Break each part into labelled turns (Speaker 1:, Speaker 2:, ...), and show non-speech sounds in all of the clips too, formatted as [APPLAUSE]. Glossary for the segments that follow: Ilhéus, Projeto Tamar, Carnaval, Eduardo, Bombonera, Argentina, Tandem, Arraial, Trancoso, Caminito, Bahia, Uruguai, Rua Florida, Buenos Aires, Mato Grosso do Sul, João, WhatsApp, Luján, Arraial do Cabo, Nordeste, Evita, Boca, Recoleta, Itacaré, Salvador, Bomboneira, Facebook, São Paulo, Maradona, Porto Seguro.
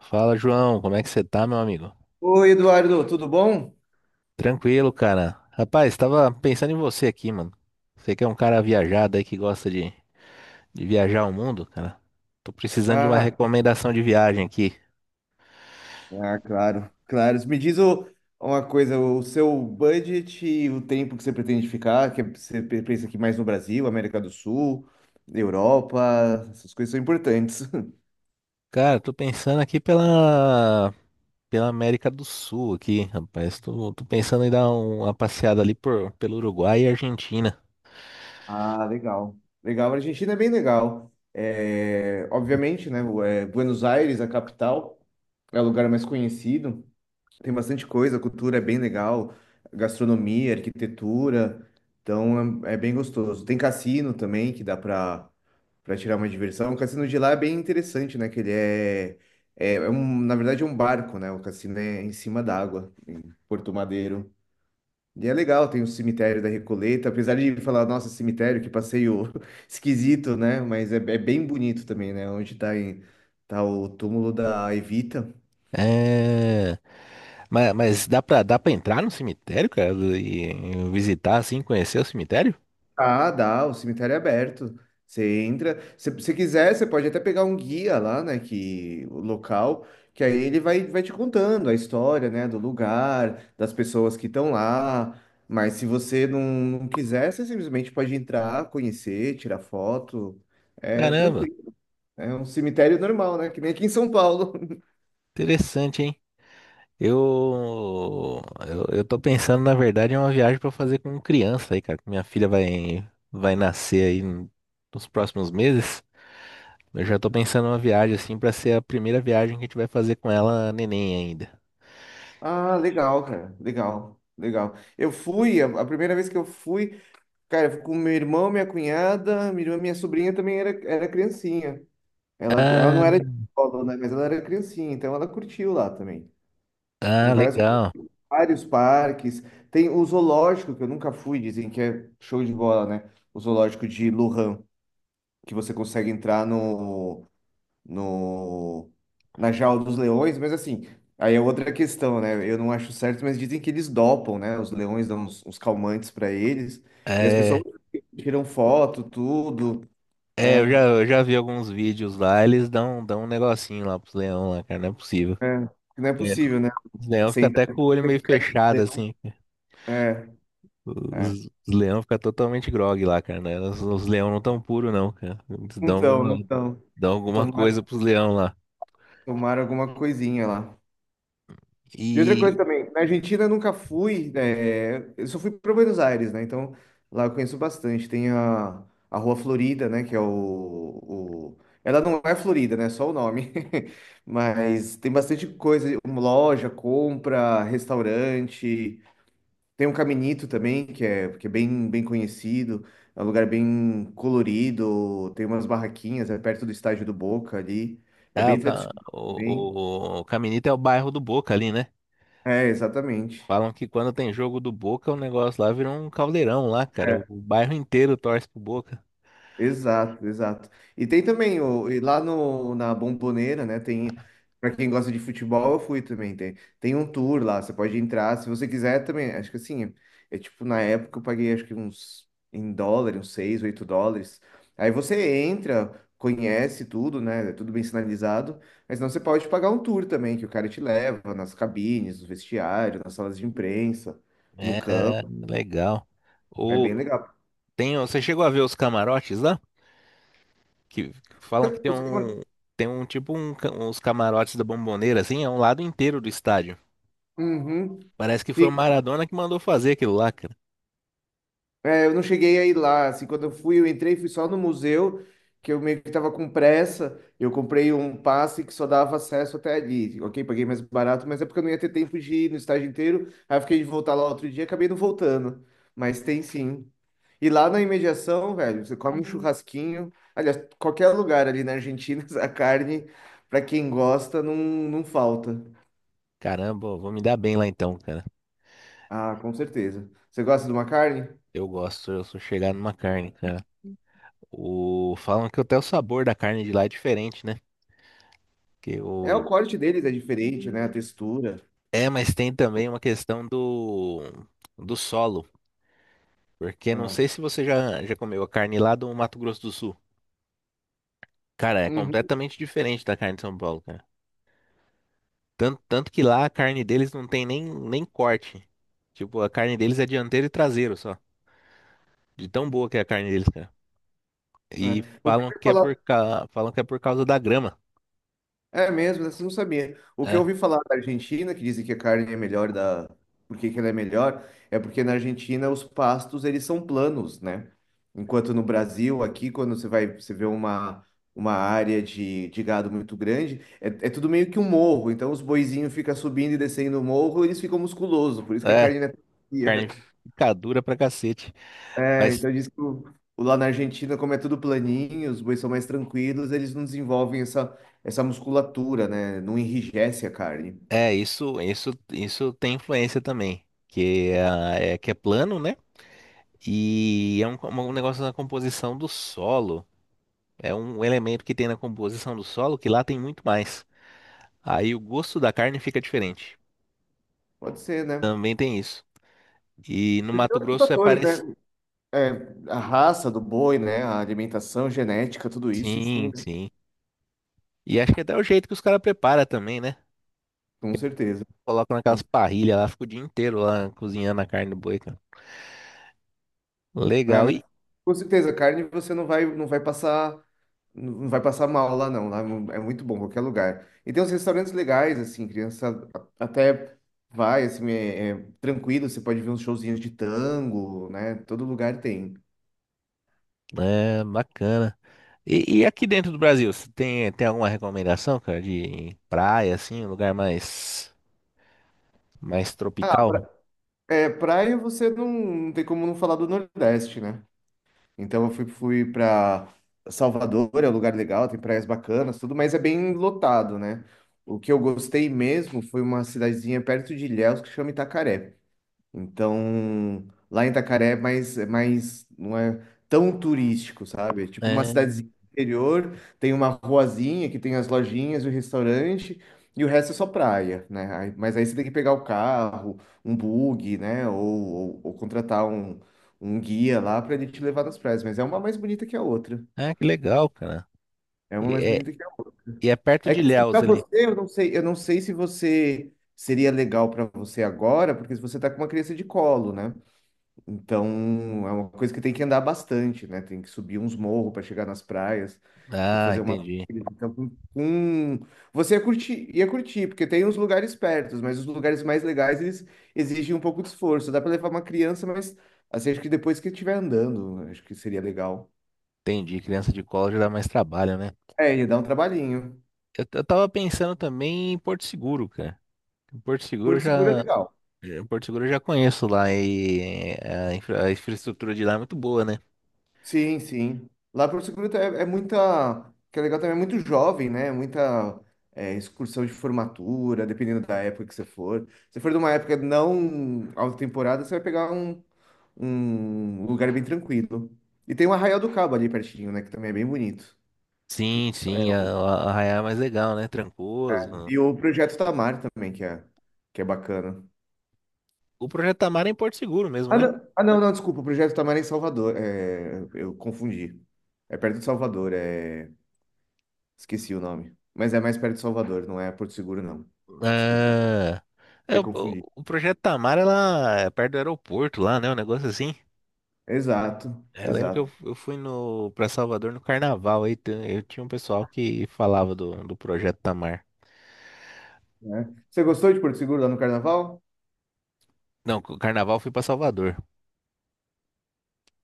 Speaker 1: Fala, João, como é que você tá, meu amigo?
Speaker 2: Oi, Eduardo, tudo bom?
Speaker 1: Tranquilo, cara. Rapaz, tava pensando em você aqui, mano. Você que é um cara viajado aí que gosta de viajar o mundo, cara. Tô precisando de uma
Speaker 2: Ah,
Speaker 1: recomendação de viagem aqui.
Speaker 2: Ah, claro, claro. Me diz uma coisa, o seu budget e o tempo que você pretende ficar, que você pensa aqui mais no Brasil, América do Sul, Europa, essas coisas são importantes. [LAUGHS]
Speaker 1: Cara, tô pensando aqui pela América do Sul aqui, rapaz. Tô pensando em dar uma passeada ali pelo Uruguai e Argentina.
Speaker 2: Ah, legal. Legal, a Argentina é bem legal. É, obviamente, né, Buenos Aires, a capital, é o lugar mais conhecido. Tem bastante coisa, a cultura é bem legal, gastronomia, arquitetura, então é bem gostoso. Tem cassino também que dá pra tirar uma diversão. O cassino de lá é bem interessante, né? Que ele é um, na verdade, é um barco, né? O cassino é em cima d'água, em Porto Madeiro. E é legal, tem o cemitério da Recoleta, apesar de falar, nossa, cemitério, que passeio [LAUGHS] esquisito, né? Mas é bem bonito também, né? Onde tá, tá o túmulo da Evita.
Speaker 1: É, mas dá pra entrar no cemitério, cara, e visitar assim, conhecer o cemitério?
Speaker 2: Ah, dá, o cemitério é aberto. Você entra, se você quiser, você pode até pegar um guia lá, né, que o local, que aí ele vai te contando a história, né, do lugar, das pessoas que estão lá. Mas se você não quiser, você simplesmente pode entrar, conhecer, tirar foto. É
Speaker 1: Caramba,
Speaker 2: tranquilo. É um cemitério normal, né, que nem aqui em São Paulo. [LAUGHS]
Speaker 1: interessante, hein? Eu, eu tô pensando, na verdade, em uma viagem pra fazer com criança aí, cara. Que Minha filha vai nascer nos próximos meses. Eu já tô pensando em uma viagem assim pra ser a primeira viagem que a gente vai fazer com ela, neném ainda.
Speaker 2: Ah, legal, cara. Legal, legal. Eu fui, a primeira vez que eu fui. Cara, eu fui com meu irmão, minha cunhada, minha irmã, minha sobrinha também era criancinha. Ela
Speaker 1: Ah,
Speaker 2: não era de escola, né? Mas ela era criancinha, então ela curtiu lá também. Em
Speaker 1: ah,
Speaker 2: várias,
Speaker 1: legal.
Speaker 2: vários parques. Tem o zoológico, que eu nunca fui, dizem que é show de bola, né? O zoológico de Lujan, que você consegue entrar no, no, na jaula dos leões, mas assim, aí é outra questão, né? Eu não acho certo, mas dizem que eles dopam, né? Os leões dão uns calmantes para eles, e as pessoas
Speaker 1: É.
Speaker 2: tiram foto, tudo,
Speaker 1: É,
Speaker 2: né?
Speaker 1: eu já vi alguns vídeos lá, dão um negocinho lá pros leão lá, cara, não é possível.
Speaker 2: É, não é
Speaker 1: É,
Speaker 2: possível, né?
Speaker 1: os leão
Speaker 2: Sem
Speaker 1: ficam
Speaker 2: entrar
Speaker 1: até com o olho
Speaker 2: pelo
Speaker 1: meio
Speaker 2: carinho do
Speaker 1: fechado,
Speaker 2: leão.
Speaker 1: assim.
Speaker 2: É, é.
Speaker 1: Os leão ficam totalmente grogue lá, cara, né? Os leão não tão puro, não, cara.
Speaker 2: Não estão, não estão.
Speaker 1: Dão alguma coisa
Speaker 2: Tomaram,
Speaker 1: pros leão lá.
Speaker 2: tomaram alguma coisinha lá. E outra coisa
Speaker 1: E,
Speaker 2: também, na Argentina eu nunca fui, né, eu só fui para Buenos Aires, né? Então lá eu conheço bastante. Tem a Rua Florida, né? Que é Ela não é Florida, né? Só o nome. [LAUGHS] Mas tem bastante coisa, uma loja, compra, restaurante. Tem um Caminito também, que é bem conhecido. É um lugar bem colorido, tem umas barraquinhas, é perto do estádio do Boca ali. É
Speaker 1: ah, o,
Speaker 2: bem
Speaker 1: Ca-
Speaker 2: tradicional também.
Speaker 1: o, o, o Caminito é o bairro do Boca ali, né?
Speaker 2: É, exatamente.
Speaker 1: Falam que quando tem jogo do Boca, o negócio lá vira um caldeirão lá, cara. O
Speaker 2: É.
Speaker 1: bairro inteiro torce pro Boca.
Speaker 2: Exato, exato. E tem também e lá no, na Bombonera, né? Para quem gosta de futebol, eu fui também. Tem um tour lá, você pode entrar, se você quiser também. Acho que assim, é tipo, na época eu paguei acho que uns em dólar, uns 6, 8 dólares. Aí você entra, conhece tudo, né? É tudo bem sinalizado, mas não, você pode pagar um tour também, que o cara te leva nas cabines, no vestiário, nas salas de imprensa, no
Speaker 1: É,
Speaker 2: campo.
Speaker 1: legal.
Speaker 2: É bem legal.
Speaker 1: Tem, você chegou a ver os camarotes lá? Que falam que tem
Speaker 2: Os camar-
Speaker 1: uns camarotes da Bomboneira, assim, é um lado inteiro do estádio.
Speaker 2: Uhum.
Speaker 1: Parece que foi o Maradona que mandou fazer aquilo lá, cara.
Speaker 2: É, eu não cheguei a ir lá, assim, quando eu fui, eu entrei, fui só no museu, que eu meio que tava com pressa, eu comprei um passe que só dava acesso até ali, ok? Paguei mais barato, mas é porque eu não ia ter tempo de ir no estágio inteiro, aí eu fiquei de voltar lá outro dia, acabei não voltando, mas tem sim. E lá na imediação, velho, você come um churrasquinho, aliás, qualquer lugar ali na Argentina, [LAUGHS] a carne, pra quem gosta, não falta.
Speaker 1: Caramba, eu vou me dar bem lá então, cara.
Speaker 2: Ah, com certeza. Você gosta de uma carne?
Speaker 1: Eu gosto, eu sou chegado numa carne, cara. O, falam que até o sabor da carne de lá é diferente, né? Que
Speaker 2: É, o
Speaker 1: o,
Speaker 2: corte deles é diferente, né? A textura.
Speaker 1: mas tem também uma questão do solo. Porque não sei
Speaker 2: É.
Speaker 1: se você já comeu a carne lá do Mato Grosso do Sul. Cara, é
Speaker 2: Uhum,
Speaker 1: completamente diferente da carne de São Paulo, cara. Tanto que lá a carne deles não tem nem corte. Tipo, a carne deles é dianteiro e traseiro só. De tão boa que é a carne deles, cara.
Speaker 2: é.
Speaker 1: E
Speaker 2: O que eu
Speaker 1: falam
Speaker 2: ouvi
Speaker 1: que é
Speaker 2: falar
Speaker 1: falam que é por causa da grama.
Speaker 2: é mesmo, você não sabia. O que eu
Speaker 1: É,
Speaker 2: ouvi falar da Argentina, que dizem que a carne é melhor da, por que que ela é melhor, é porque na Argentina os pastos eles são planos, né? Enquanto no Brasil, aqui quando você vai, você vê uma área de gado muito grande, é tudo meio que um morro, então os boizinhos ficam subindo e descendo o morro, eles ficam musculosos, por isso que a
Speaker 1: é,
Speaker 2: carne não é tão
Speaker 1: carne
Speaker 2: macia.
Speaker 1: fica dura pra cacete.
Speaker 2: É,
Speaker 1: Mas
Speaker 2: então diz que o lá na Argentina, como é tudo planinho, os bois são mais tranquilos, eles não desenvolvem essa musculatura, né? Não enrijece a carne.
Speaker 1: é, isso tem influência também. Que é plano, né? E é um negócio na composição do solo. É um elemento que tem na composição do solo que lá tem muito mais. Aí o gosto da carne fica diferente.
Speaker 2: Pode ser, né?
Speaker 1: Também tem isso. E no
Speaker 2: E tem
Speaker 1: Mato
Speaker 2: outros
Speaker 1: Grosso é
Speaker 2: fatores,
Speaker 1: parecido.
Speaker 2: né? É, a raça do boi, né? A alimentação, genética, tudo isso influi,
Speaker 1: Sim,
Speaker 2: né?
Speaker 1: sim. E acho que até o jeito que os caras preparam também, né?
Speaker 2: Com certeza.
Speaker 1: Colocam naquelas parrilhas lá, fica o dia inteiro lá cozinhando a carne do boi, cara.
Speaker 2: É,
Speaker 1: Legal.
Speaker 2: mas com certeza, carne você não vai passar. Não vai passar mal lá, não. Lá é muito bom, qualquer lugar. E tem uns restaurantes legais, assim, criança até vai, assim, é tranquilo. Você pode ver uns showzinhos de tango, né? Todo lugar tem.
Speaker 1: Bacana. E e aqui dentro do Brasil, você tem alguma recomendação, cara, de praia, assim, um lugar mais
Speaker 2: Ah,
Speaker 1: tropical?
Speaker 2: é, praia você não tem como não falar do Nordeste, né? Então eu fui pra Salvador, é um lugar legal, tem praias bacanas, tudo, mas é bem lotado, né? O que eu gostei mesmo foi uma cidadezinha perto de Ilhéus que chama Itacaré. Então, lá em Itacaré é mais, não é tão turístico, sabe? É tipo uma
Speaker 1: É,
Speaker 2: cidadezinha interior, tem uma ruazinha que tem as lojinhas e o restaurante, e o resto é só praia, né? Mas aí você tem que pegar o carro, um bug, né? Ou contratar um guia lá para ele te levar nas praias. Mas é uma mais bonita que a outra.
Speaker 1: ah, que legal, cara.
Speaker 2: É uma
Speaker 1: E
Speaker 2: mais
Speaker 1: é,
Speaker 2: bonita que a outra.
Speaker 1: e é perto
Speaker 2: É
Speaker 1: de
Speaker 2: que assim, para
Speaker 1: Ilhéus ali.
Speaker 2: você, eu não sei se você seria legal para você agora, porque se você tá com uma criança de colo, né? Então, é uma coisa que tem que andar bastante, né? Tem que subir uns morros para chegar nas praias, tem que
Speaker 1: Ah,
Speaker 2: fazer uma.
Speaker 1: entendi.
Speaker 2: Então, você ia curtir, porque tem uns lugares perto, mas os lugares mais legais eles exigem um pouco de esforço. Dá para levar uma criança, mas assim, acho que depois que estiver andando, acho que seria legal.
Speaker 1: Entendi. Criança de colo já dá mais trabalho, né?
Speaker 2: É, ia dar um trabalhinho.
Speaker 1: Eu tava pensando também em Porto Seguro, cara. Porto Seguro eu
Speaker 2: Porto Seguro é
Speaker 1: já,
Speaker 2: legal.
Speaker 1: Porto Seguro eu já conheço lá e é, a, a infraestrutura de lá é muito boa, né?
Speaker 2: Sim, sim. Lá para o Seguro é muita. O que é legal também é muito jovem, né? Muita excursão de formatura, dependendo da época que você for. Se for de uma época não alta temporada, você vai pegar um lugar bem tranquilo. E tem o Arraial do Cabo ali pertinho, né? Que também é bem bonito.
Speaker 1: Sim,
Speaker 2: É,
Speaker 1: sim, a Arraial é mais legal, né? Trancoso.
Speaker 2: e o Projeto Tamar também, que é bacana.
Speaker 1: O Projeto Tamar é em Porto Seguro mesmo,
Speaker 2: Ah,
Speaker 1: né?
Speaker 2: não, ah, não, não, desculpa. O Projeto Tamar é em Salvador. É, eu confundi. É perto de Salvador. É. Esqueci o nome. Mas é mais perto de Salvador, não é Porto Seguro, não. Desculpa,
Speaker 1: Ah,
Speaker 2: me
Speaker 1: é,
Speaker 2: confundi.
Speaker 1: o Projeto Tamar é lá é perto do aeroporto lá, né? Um negócio assim.
Speaker 2: Exato,
Speaker 1: Eu lembro que
Speaker 2: exato.
Speaker 1: eu fui no para Salvador no Carnaval eu tinha um pessoal que falava do Projeto Tamar.
Speaker 2: Né? Você gostou de Porto Seguro lá no Carnaval?
Speaker 1: Não, o Carnaval eu fui para Salvador.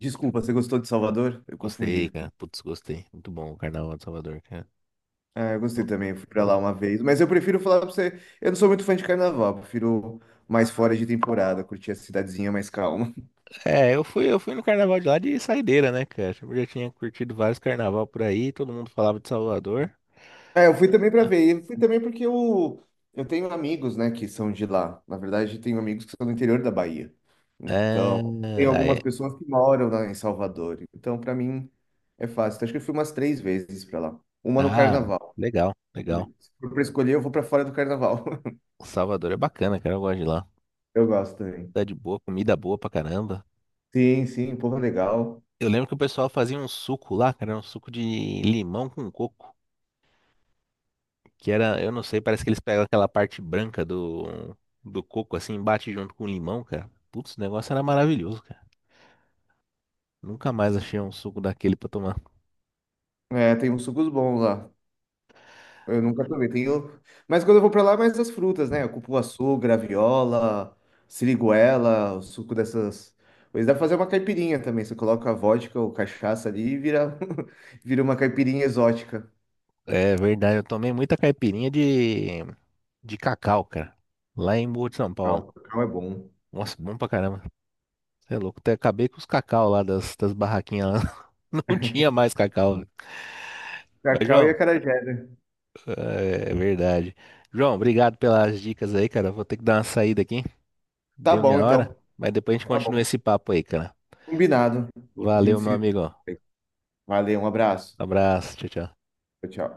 Speaker 2: Desculpa, você gostou de Salvador? Eu
Speaker 1: Gostei,
Speaker 2: confundi.
Speaker 1: cara. Putz, gostei. Muito bom o Carnaval de Salvador, cara.
Speaker 2: Ah, eu gostei
Speaker 1: Não-
Speaker 2: também, eu fui pra lá
Speaker 1: não-
Speaker 2: uma vez. Mas eu prefiro falar pra você, eu não sou muito fã de Carnaval, eu prefiro mais fora de temporada, curtir a cidadezinha mais calma.
Speaker 1: É, eu fui no carnaval de lá de saideira, né, cara? Eu já tinha curtido vários carnaval por aí, todo mundo falava de Salvador.
Speaker 2: É, eu fui também para ver. Eu fui também porque eu tenho amigos, né, que são de lá. Na verdade, tenho amigos que são do interior da Bahia.
Speaker 1: É,
Speaker 2: Então, tem algumas
Speaker 1: aí,
Speaker 2: pessoas que moram lá em Salvador. Então, para mim, é fácil. Então, acho que eu fui umas três vezes para lá. Uma no
Speaker 1: ah,
Speaker 2: carnaval.
Speaker 1: legal, legal.
Speaker 2: Se for para escolher, eu vou para fora do carnaval. [LAUGHS]
Speaker 1: Salvador é bacana, cara, eu gosto de lá.
Speaker 2: Eu gosto também.
Speaker 1: Cidade boa, comida boa pra caramba.
Speaker 2: Sim, sim, povo legal.
Speaker 1: Eu lembro que o pessoal fazia um suco lá, cara, um suco de limão com coco, que era, eu não sei, parece que eles pegam aquela parte branca do coco assim, e bate junto com o limão, cara. Putz, o negócio era maravilhoso, cara. Nunca mais achei um suco daquele pra tomar.
Speaker 2: É, tem uns sucos bons lá. Eu nunca provei. Tenho... Mas quando eu vou pra lá, é mais as frutas, né? Cupuaçu, graviola, siriguela, o suco dessas coisas. Dá pra fazer uma caipirinha também. Você coloca a vodka ou cachaça ali e vira, [LAUGHS] vira uma caipirinha exótica.
Speaker 1: É verdade, eu tomei muita caipirinha de cacau, cara. Lá em Boa de São
Speaker 2: Ah,
Speaker 1: Paulo.
Speaker 2: o cacau é bom.
Speaker 1: Nossa, bom pra caramba. Você é louco. Até acabei com os cacau lá das barraquinhas lá. [LAUGHS] Não tinha mais cacau. Mas,
Speaker 2: Cacau e
Speaker 1: João,
Speaker 2: acarajé, né?
Speaker 1: é verdade. João, obrigado pelas dicas aí, cara. Vou ter que dar uma saída aqui.
Speaker 2: Tá
Speaker 1: Deu
Speaker 2: bom,
Speaker 1: minha hora.
Speaker 2: então.
Speaker 1: Mas depois a gente
Speaker 2: Tá
Speaker 1: continua
Speaker 2: bom.
Speaker 1: esse papo aí, cara.
Speaker 2: Combinado. A
Speaker 1: Valeu,
Speaker 2: gente
Speaker 1: meu
Speaker 2: se...
Speaker 1: amigo.
Speaker 2: Valeu, um abraço.
Speaker 1: Abraço. Tchau, tchau.
Speaker 2: Tchau, tchau.